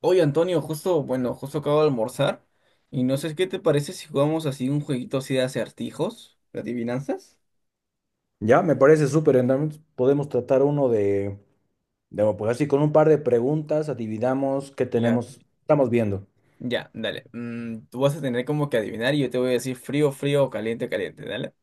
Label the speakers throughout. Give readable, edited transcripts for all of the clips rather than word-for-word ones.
Speaker 1: Oye, Antonio, justo, bueno, justo acabo de almorzar y no sé qué te parece si jugamos así un jueguito así de acertijos, de adivinanzas.
Speaker 2: Ya, me parece súper. Entonces podemos tratar uno de, pues así, con un par de preguntas, adivinamos qué
Speaker 1: Claro.
Speaker 2: tenemos, estamos viendo.
Speaker 1: Ya, dale. Tú vas a tener como que adivinar y yo te voy a decir frío, frío o caliente, caliente. Dale,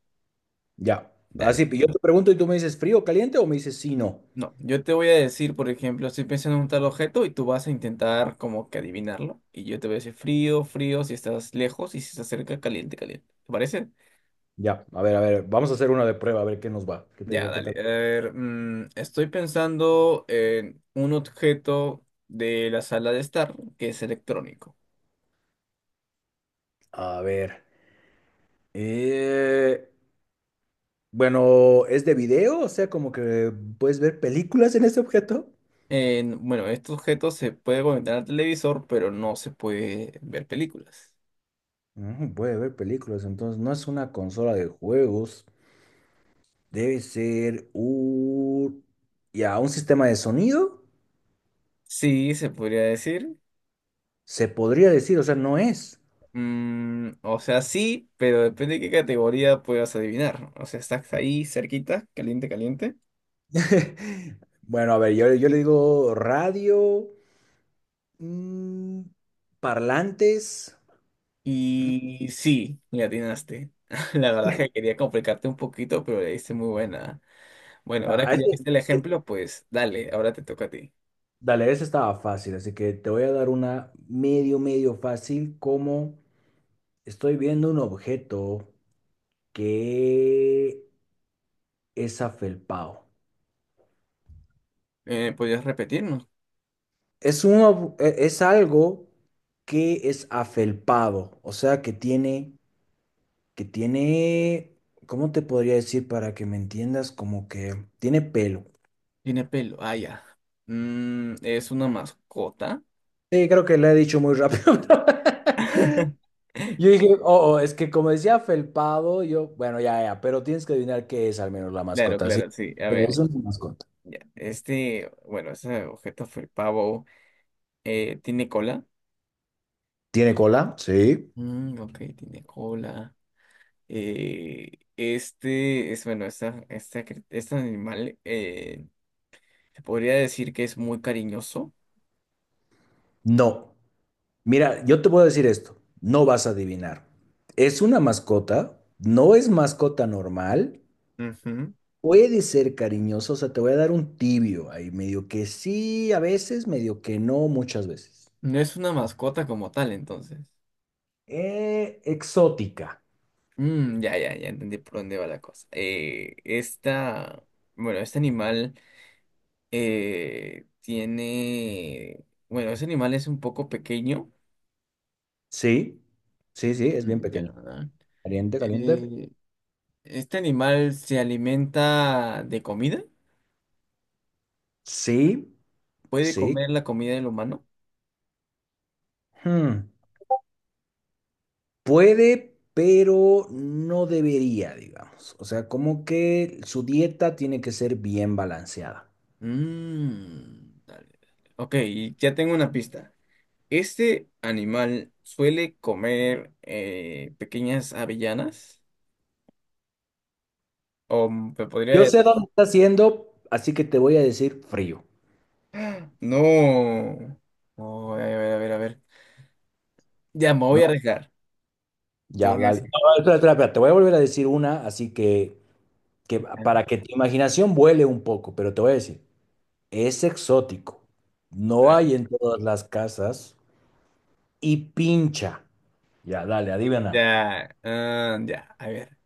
Speaker 2: Ya,
Speaker 1: dale.
Speaker 2: así, yo te pregunto y tú me dices frío, caliente o me dices sí, no.
Speaker 1: No, yo te voy a decir, por ejemplo, estoy pensando en un tal objeto y tú vas a intentar como que adivinarlo y yo te voy a decir frío, frío si estás lejos y si estás cerca, caliente, caliente. ¿Te parece?
Speaker 2: Ya, a ver, vamos a hacer una de prueba, a ver qué nos va. ¿Qué
Speaker 1: Ya,
Speaker 2: te- Qué
Speaker 1: dale.
Speaker 2: tal?
Speaker 1: A ver, estoy pensando en un objeto de la sala de estar que es electrónico.
Speaker 2: A ver. eh, bueno, ¿es de video? O sea, como que puedes ver películas en este objeto.
Speaker 1: Bueno, este objeto se puede conectar al televisor, pero no se puede ver películas.
Speaker 2: Mm, puede ver películas, entonces no es una consola de juegos. Debe ser un... Ya, un sistema de sonido,
Speaker 1: Sí, se podría decir.
Speaker 2: se podría decir, o sea, no es.
Speaker 1: Mm, o sea, sí, pero depende de qué categoría puedas adivinar. O sea, estás ahí cerquita, caliente, caliente.
Speaker 2: Bueno, a ver, yo le digo radio, mm, parlantes. Mm.
Speaker 1: Y sí, le atinaste. La verdad es que quería complicarte un poquito, pero le diste muy buena. Bueno,
Speaker 2: No,
Speaker 1: ahora que ya
Speaker 2: ese-
Speaker 1: viste el
Speaker 2: eh,
Speaker 1: ejemplo, pues dale, ahora te toca a ti.
Speaker 2: Dale, ese estaba fácil, así que te voy a dar una medio, medio fácil, como estoy viendo un objeto que es afelpao.
Speaker 1: ¿Podrías repetirnos?
Speaker 2: Es un ob- e- Es algo que es afelpado, o sea, que tiene, ¿cómo te podría decir para que me entiendas? Como que tiene pelo.
Speaker 1: Tiene pelo. Ah, ya. ¿Es una mascota?
Speaker 2: Sí, creo que le he dicho muy rápido. Yo dije, oh, oh, es que como decía afelpado, yo, bueno, ya, ya, pero tienes que adivinar qué es al menos la
Speaker 1: Claro,
Speaker 2: mascota, ¿sí?
Speaker 1: claro, sí. A
Speaker 2: Es
Speaker 1: ver,
Speaker 2: una mascota.
Speaker 1: ya. Este, bueno, ese objeto fue el pavo. ¿Tiene cola?
Speaker 2: ¿Tiene cola? Sí.
Speaker 1: Mm, ok, tiene cola. Este es, bueno, esta, cri- Este animal se podría decir que es muy cariñoso.
Speaker 2: No. Mira, yo te puedo decir esto, no vas a adivinar. Es una mascota, no es mascota normal.
Speaker 1: Ujú.
Speaker 2: Puede ser cariñoso, o sea, te voy a dar un tibio ahí, medio que sí, a veces, medio que no, muchas veces.
Speaker 1: No es una mascota como tal, entonces.
Speaker 2: Exótica.
Speaker 1: Mm, ya, ya, ya entendí por dónde va la cosa. Este animal ese animal es un poco pequeño.
Speaker 2: Sí, sí, sí, es bien
Speaker 1: Mm, ya.
Speaker 2: pequeño.
Speaker 1: ¿Verdad?
Speaker 2: Caliente, caliente.
Speaker 1: Eh, este animal se alimenta de comida.
Speaker 2: Sí,
Speaker 1: ¿Puede
Speaker 2: sí.
Speaker 1: comer la comida del humano?
Speaker 2: Hmm, puede, pero no debería, digamos. O sea, como que su dieta tiene que ser bien balanceada.
Speaker 1: Mm, dale, dale. Ok, y ya tengo una pista. Este animal suele comer pequeñas avellanas, o te
Speaker 2: Yo
Speaker 1: podría.
Speaker 2: sé dónde está haciendo, así que te voy a decir frío.
Speaker 1: No. No, a ver, a ver, a ver. Ya, me voy
Speaker 2: No,
Speaker 1: a arriesgar. Te
Speaker 2: ya,
Speaker 1: voy a
Speaker 2: dale. No,
Speaker 1: decir.
Speaker 2: espera, espera, espera, te voy a volver a decir una, así que para que tu imaginación vuele un poco, pero te voy a decir, es exótico, no hay en todas las casas y pincha. Ya, dale, adivina.
Speaker 1: Ya, ah, ya, a ver.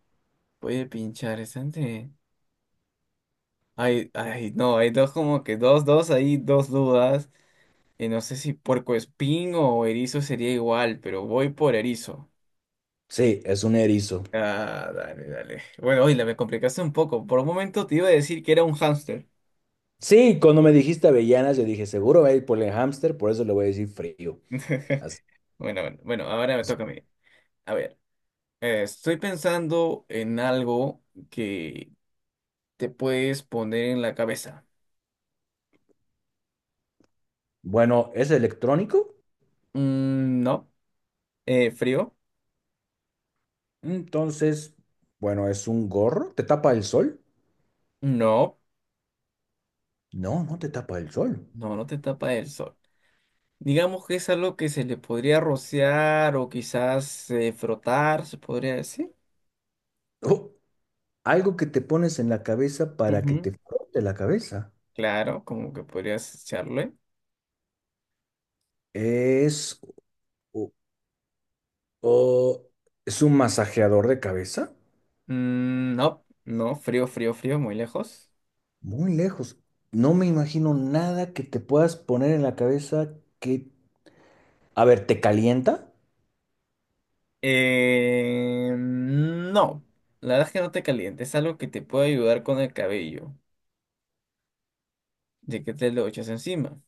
Speaker 1: Voy a pinchar esta ante- Ay, ay, no, hay dos como que dos, hay dos dudas. Y no sé si puerco espín o erizo sería igual, pero voy por erizo.
Speaker 2: Sí, es un erizo.
Speaker 1: Ah, dale, dale. Bueno, hoy la me complicaste un poco. Por un momento te iba a decir que era un hámster.
Speaker 2: Sí, cuando me dijiste avellanas, yo dije, seguro va a ir por el hámster, por eso le voy a decir frío. Así.
Speaker 1: Bueno, bueno, bueno, ahora me toca a mí. A ver. Estoy pensando en algo que te puedes poner en la cabeza.
Speaker 2: Bueno, ¿es electrónico?
Speaker 1: Mm, no. ¿Frío?
Speaker 2: Entonces, bueno, ¿es un gorro? ¿Te tapa el sol?
Speaker 1: No.
Speaker 2: No, no te tapa el sol.
Speaker 1: No, no te tapa el sol. Digamos que es algo que se le podría rociar o quizás frotar, se podría decir.
Speaker 2: Oh, algo que te pones en la cabeza para que
Speaker 1: Ujú,
Speaker 2: te frote la cabeza.
Speaker 1: claro, como que podrías echarle.
Speaker 2: Es O es un masajeador de cabeza.
Speaker 1: Mm, no, no, frío, frío, frío, muy lejos.
Speaker 2: Muy lejos. No me imagino nada que te puedas poner en la cabeza que... A ver, ¿te calienta?
Speaker 1: No, la verdad es que no te calientes, es algo que te puede ayudar con el cabello, de que te lo echas encima.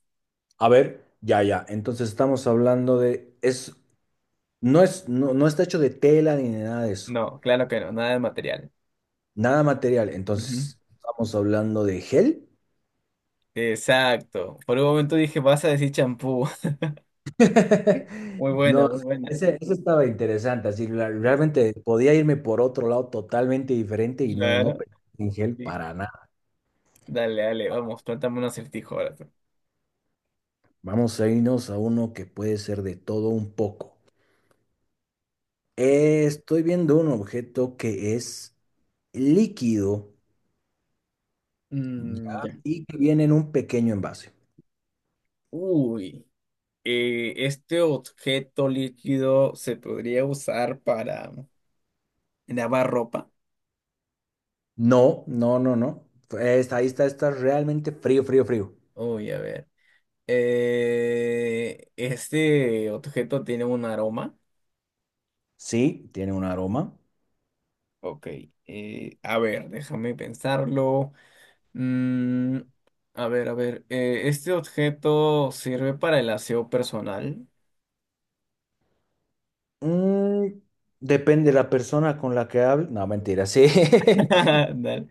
Speaker 2: A ver, ya, ya. Entonces estamos hablando de... No, no está hecho de tela ni de nada de eso.
Speaker 1: No, claro que no, nada de material.
Speaker 2: Nada material.
Speaker 1: Ujú.
Speaker 2: Entonces, ¿estamos hablando de gel?
Speaker 1: Exacto. Por un momento dije, vas a decir champú. Muy buena,
Speaker 2: No,
Speaker 1: muy buena.
Speaker 2: ese estaba interesante. Así,
Speaker 1: Eh,
Speaker 2: realmente podía irme por otro lado totalmente diferente y no, no
Speaker 1: Claro,
Speaker 2: pensé en gel
Speaker 1: sí.
Speaker 2: para nada.
Speaker 1: Dale, dale, vamos, plantame un acertijo ahora tú.
Speaker 2: Vamos a irnos a uno que puede ser de todo un poco. Estoy viendo un objeto que es líquido,
Speaker 1: Mm,
Speaker 2: ya,
Speaker 1: ya.
Speaker 2: y que viene en un pequeño envase.
Speaker 1: Uy. ¿Este objeto líquido se podría usar para lavar ropa?
Speaker 2: No, no, no, no. Está, ahí está, está realmente frío, frío, frío.
Speaker 1: Uy, a ver. ¿Este objeto tiene un aroma?
Speaker 2: Sí, tiene un aroma.
Speaker 1: Ok, a ver, déjame pensarlo. Mm, a ver, a ver. ¿Este objeto sirve para el aseo personal?
Speaker 2: Mm, depende de la persona con la que hable. No, mentira, sí.
Speaker 1: Dale.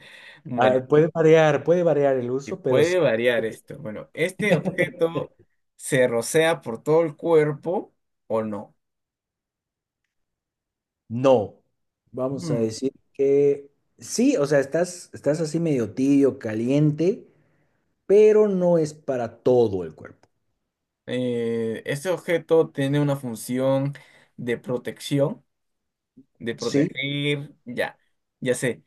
Speaker 2: Ah,
Speaker 1: Bueno,
Speaker 2: puede variar el
Speaker 1: y
Speaker 2: uso, pero sí.
Speaker 1: puede variar esto. Bueno, ¿este objeto se rocea por todo el cuerpo o no?
Speaker 2: No, vamos a
Speaker 1: Mm,
Speaker 2: decir que sí, o sea, estás, estás así medio tibio, caliente, pero no es para todo el cuerpo.
Speaker 1: ¿este objeto tiene una función de protección, de
Speaker 2: Sí,
Speaker 1: proteger? Ya, ya sé.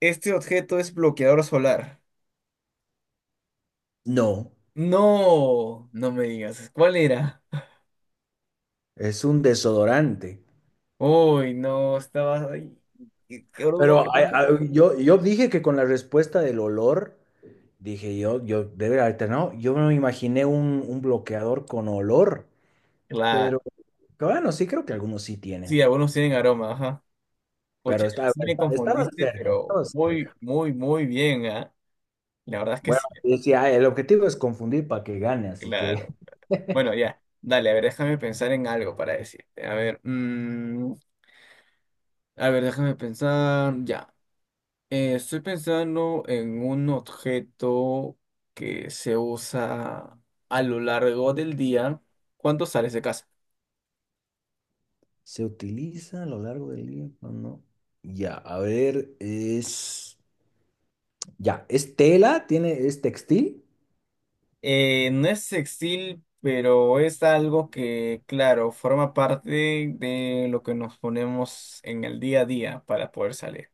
Speaker 1: ¿Este objeto es bloqueador solar?
Speaker 2: no,
Speaker 1: No, no me digas. ¿Cuál era?
Speaker 2: es un desodorante.
Speaker 1: Uy, no, estaba ahí. ¿Qué aroma?
Speaker 2: Pero
Speaker 1: ¿Cómo?
Speaker 2: yo dije que con la respuesta del olor, dije yo debe haber alternado. Yo no me imaginé un bloqueador con olor,
Speaker 1: Claro,
Speaker 2: pero pero bueno, sí creo que algunos sí
Speaker 1: sí,
Speaker 2: tienen,
Speaker 1: algunos tienen aroma, ajá. Pucha,
Speaker 2: pero
Speaker 1: ahí sí me
Speaker 2: estabas
Speaker 1: confundiste,
Speaker 2: cerca,
Speaker 1: pero
Speaker 2: estabas
Speaker 1: muy,
Speaker 2: cerca.
Speaker 1: muy, muy bien, ¿ah? La verdad es que
Speaker 2: Bueno,
Speaker 1: sí,
Speaker 2: yo decía, "Ah, el objetivo es confundir para que gane, así que."
Speaker 1: claro. Bueno, ya, dale, a ver, déjame pensar en algo para decirte. A ver, a ver, déjame pensar, ya. Estoy pensando en un objeto que se usa a lo largo del día cuando sales de casa.
Speaker 2: Se utiliza a lo largo del día, ¿o no? Ya, a ver, es tela, tiene, es textil.
Speaker 1: No es sextil, pero es algo que, claro, forma parte de lo que nos ponemos en el día a día para poder salir.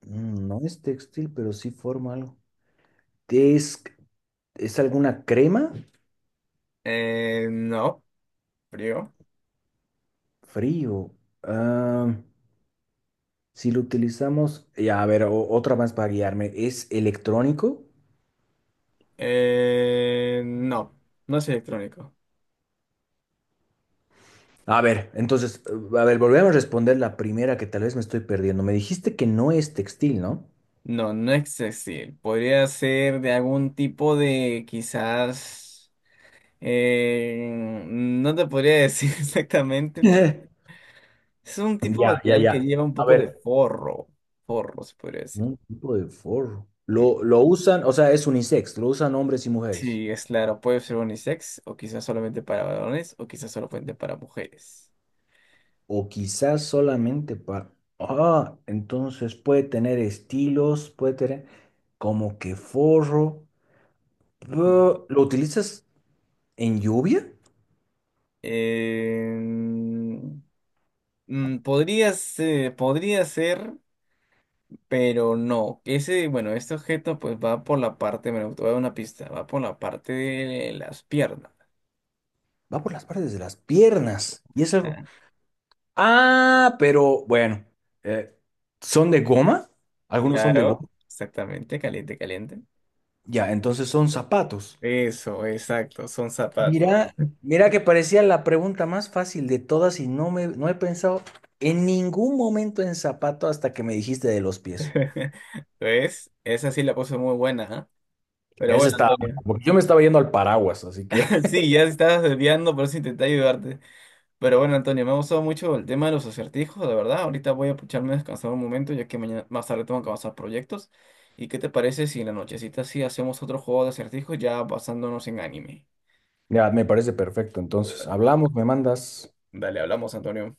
Speaker 2: Mm, no es textil, pero sí forma algo. Es, es alguna crema,
Speaker 1: No, frío.
Speaker 2: frío. Ah, si lo utilizamos, ya, a ver, otra más para guiarme, ¿es electrónico?
Speaker 1: No, no es electrónico.
Speaker 2: A ver, entonces, a ver, volvemos a responder la primera que tal vez me estoy perdiendo. Me dijiste que no es textil, ¿no?
Speaker 1: No, no es sextil. Podría ser de algún tipo de, quizás, eh, no te podría decir exactamente. Es un tipo de
Speaker 2: Ya, ya,
Speaker 1: material que
Speaker 2: ya.
Speaker 1: lleva un
Speaker 2: A
Speaker 1: poco de
Speaker 2: ver,
Speaker 1: forro. Forro, se podría decir.
Speaker 2: un tipo de forro. Lo usan, o sea, es unisex, lo usan hombres y mujeres.
Speaker 1: Sí, es claro, puede ser unisex, o quizás solamente para varones, o quizás solamente para mujeres.
Speaker 2: O quizás solamente para... Ah, entonces puede tener estilos, puede tener como que forro.
Speaker 1: Ujú.
Speaker 2: Pero ¿lo utilizas en lluvia?
Speaker 1: Em, podría ser, pero no. Ese, bueno, este objeto pues va por la parte, me voy a dar una pista, va por la parte de las piernas.
Speaker 2: Va por las partes de las piernas. Y es algo...
Speaker 1: Ah,
Speaker 2: Ah, pero bueno, eh, ¿son de goma? Algunos son de
Speaker 1: claro,
Speaker 2: goma.
Speaker 1: exactamente, caliente, caliente.
Speaker 2: Ya, entonces son zapatos.
Speaker 1: Eso, exacto, son zapatos.
Speaker 2: Mira, mira que parecía la pregunta más fácil de todas y no me, no he pensado en ningún momento en zapato hasta que me dijiste de los pies.
Speaker 1: Pues, esa sí la puse muy buena, ¿ah? Pero
Speaker 2: Ese
Speaker 1: bueno,
Speaker 2: estaba,
Speaker 1: Antonio.
Speaker 2: porque yo me estaba yendo al paraguas, así que
Speaker 1: Sí, ya estabas desviando, por eso intenté ayudarte. Pero bueno, Antonio, me ha gustado mucho el tema de los acertijos, la verdad. Ahorita voy a echarme a descansar un momento, ya que mañana más tarde tengo que avanzar proyectos. ¿Y qué te parece si en la nochecita sí hacemos otro juego de acertijos ya basándonos en anime?
Speaker 2: ya me parece perfecto. Entonces, hablamos, me mandas.
Speaker 1: Dale, hablamos, Antonio.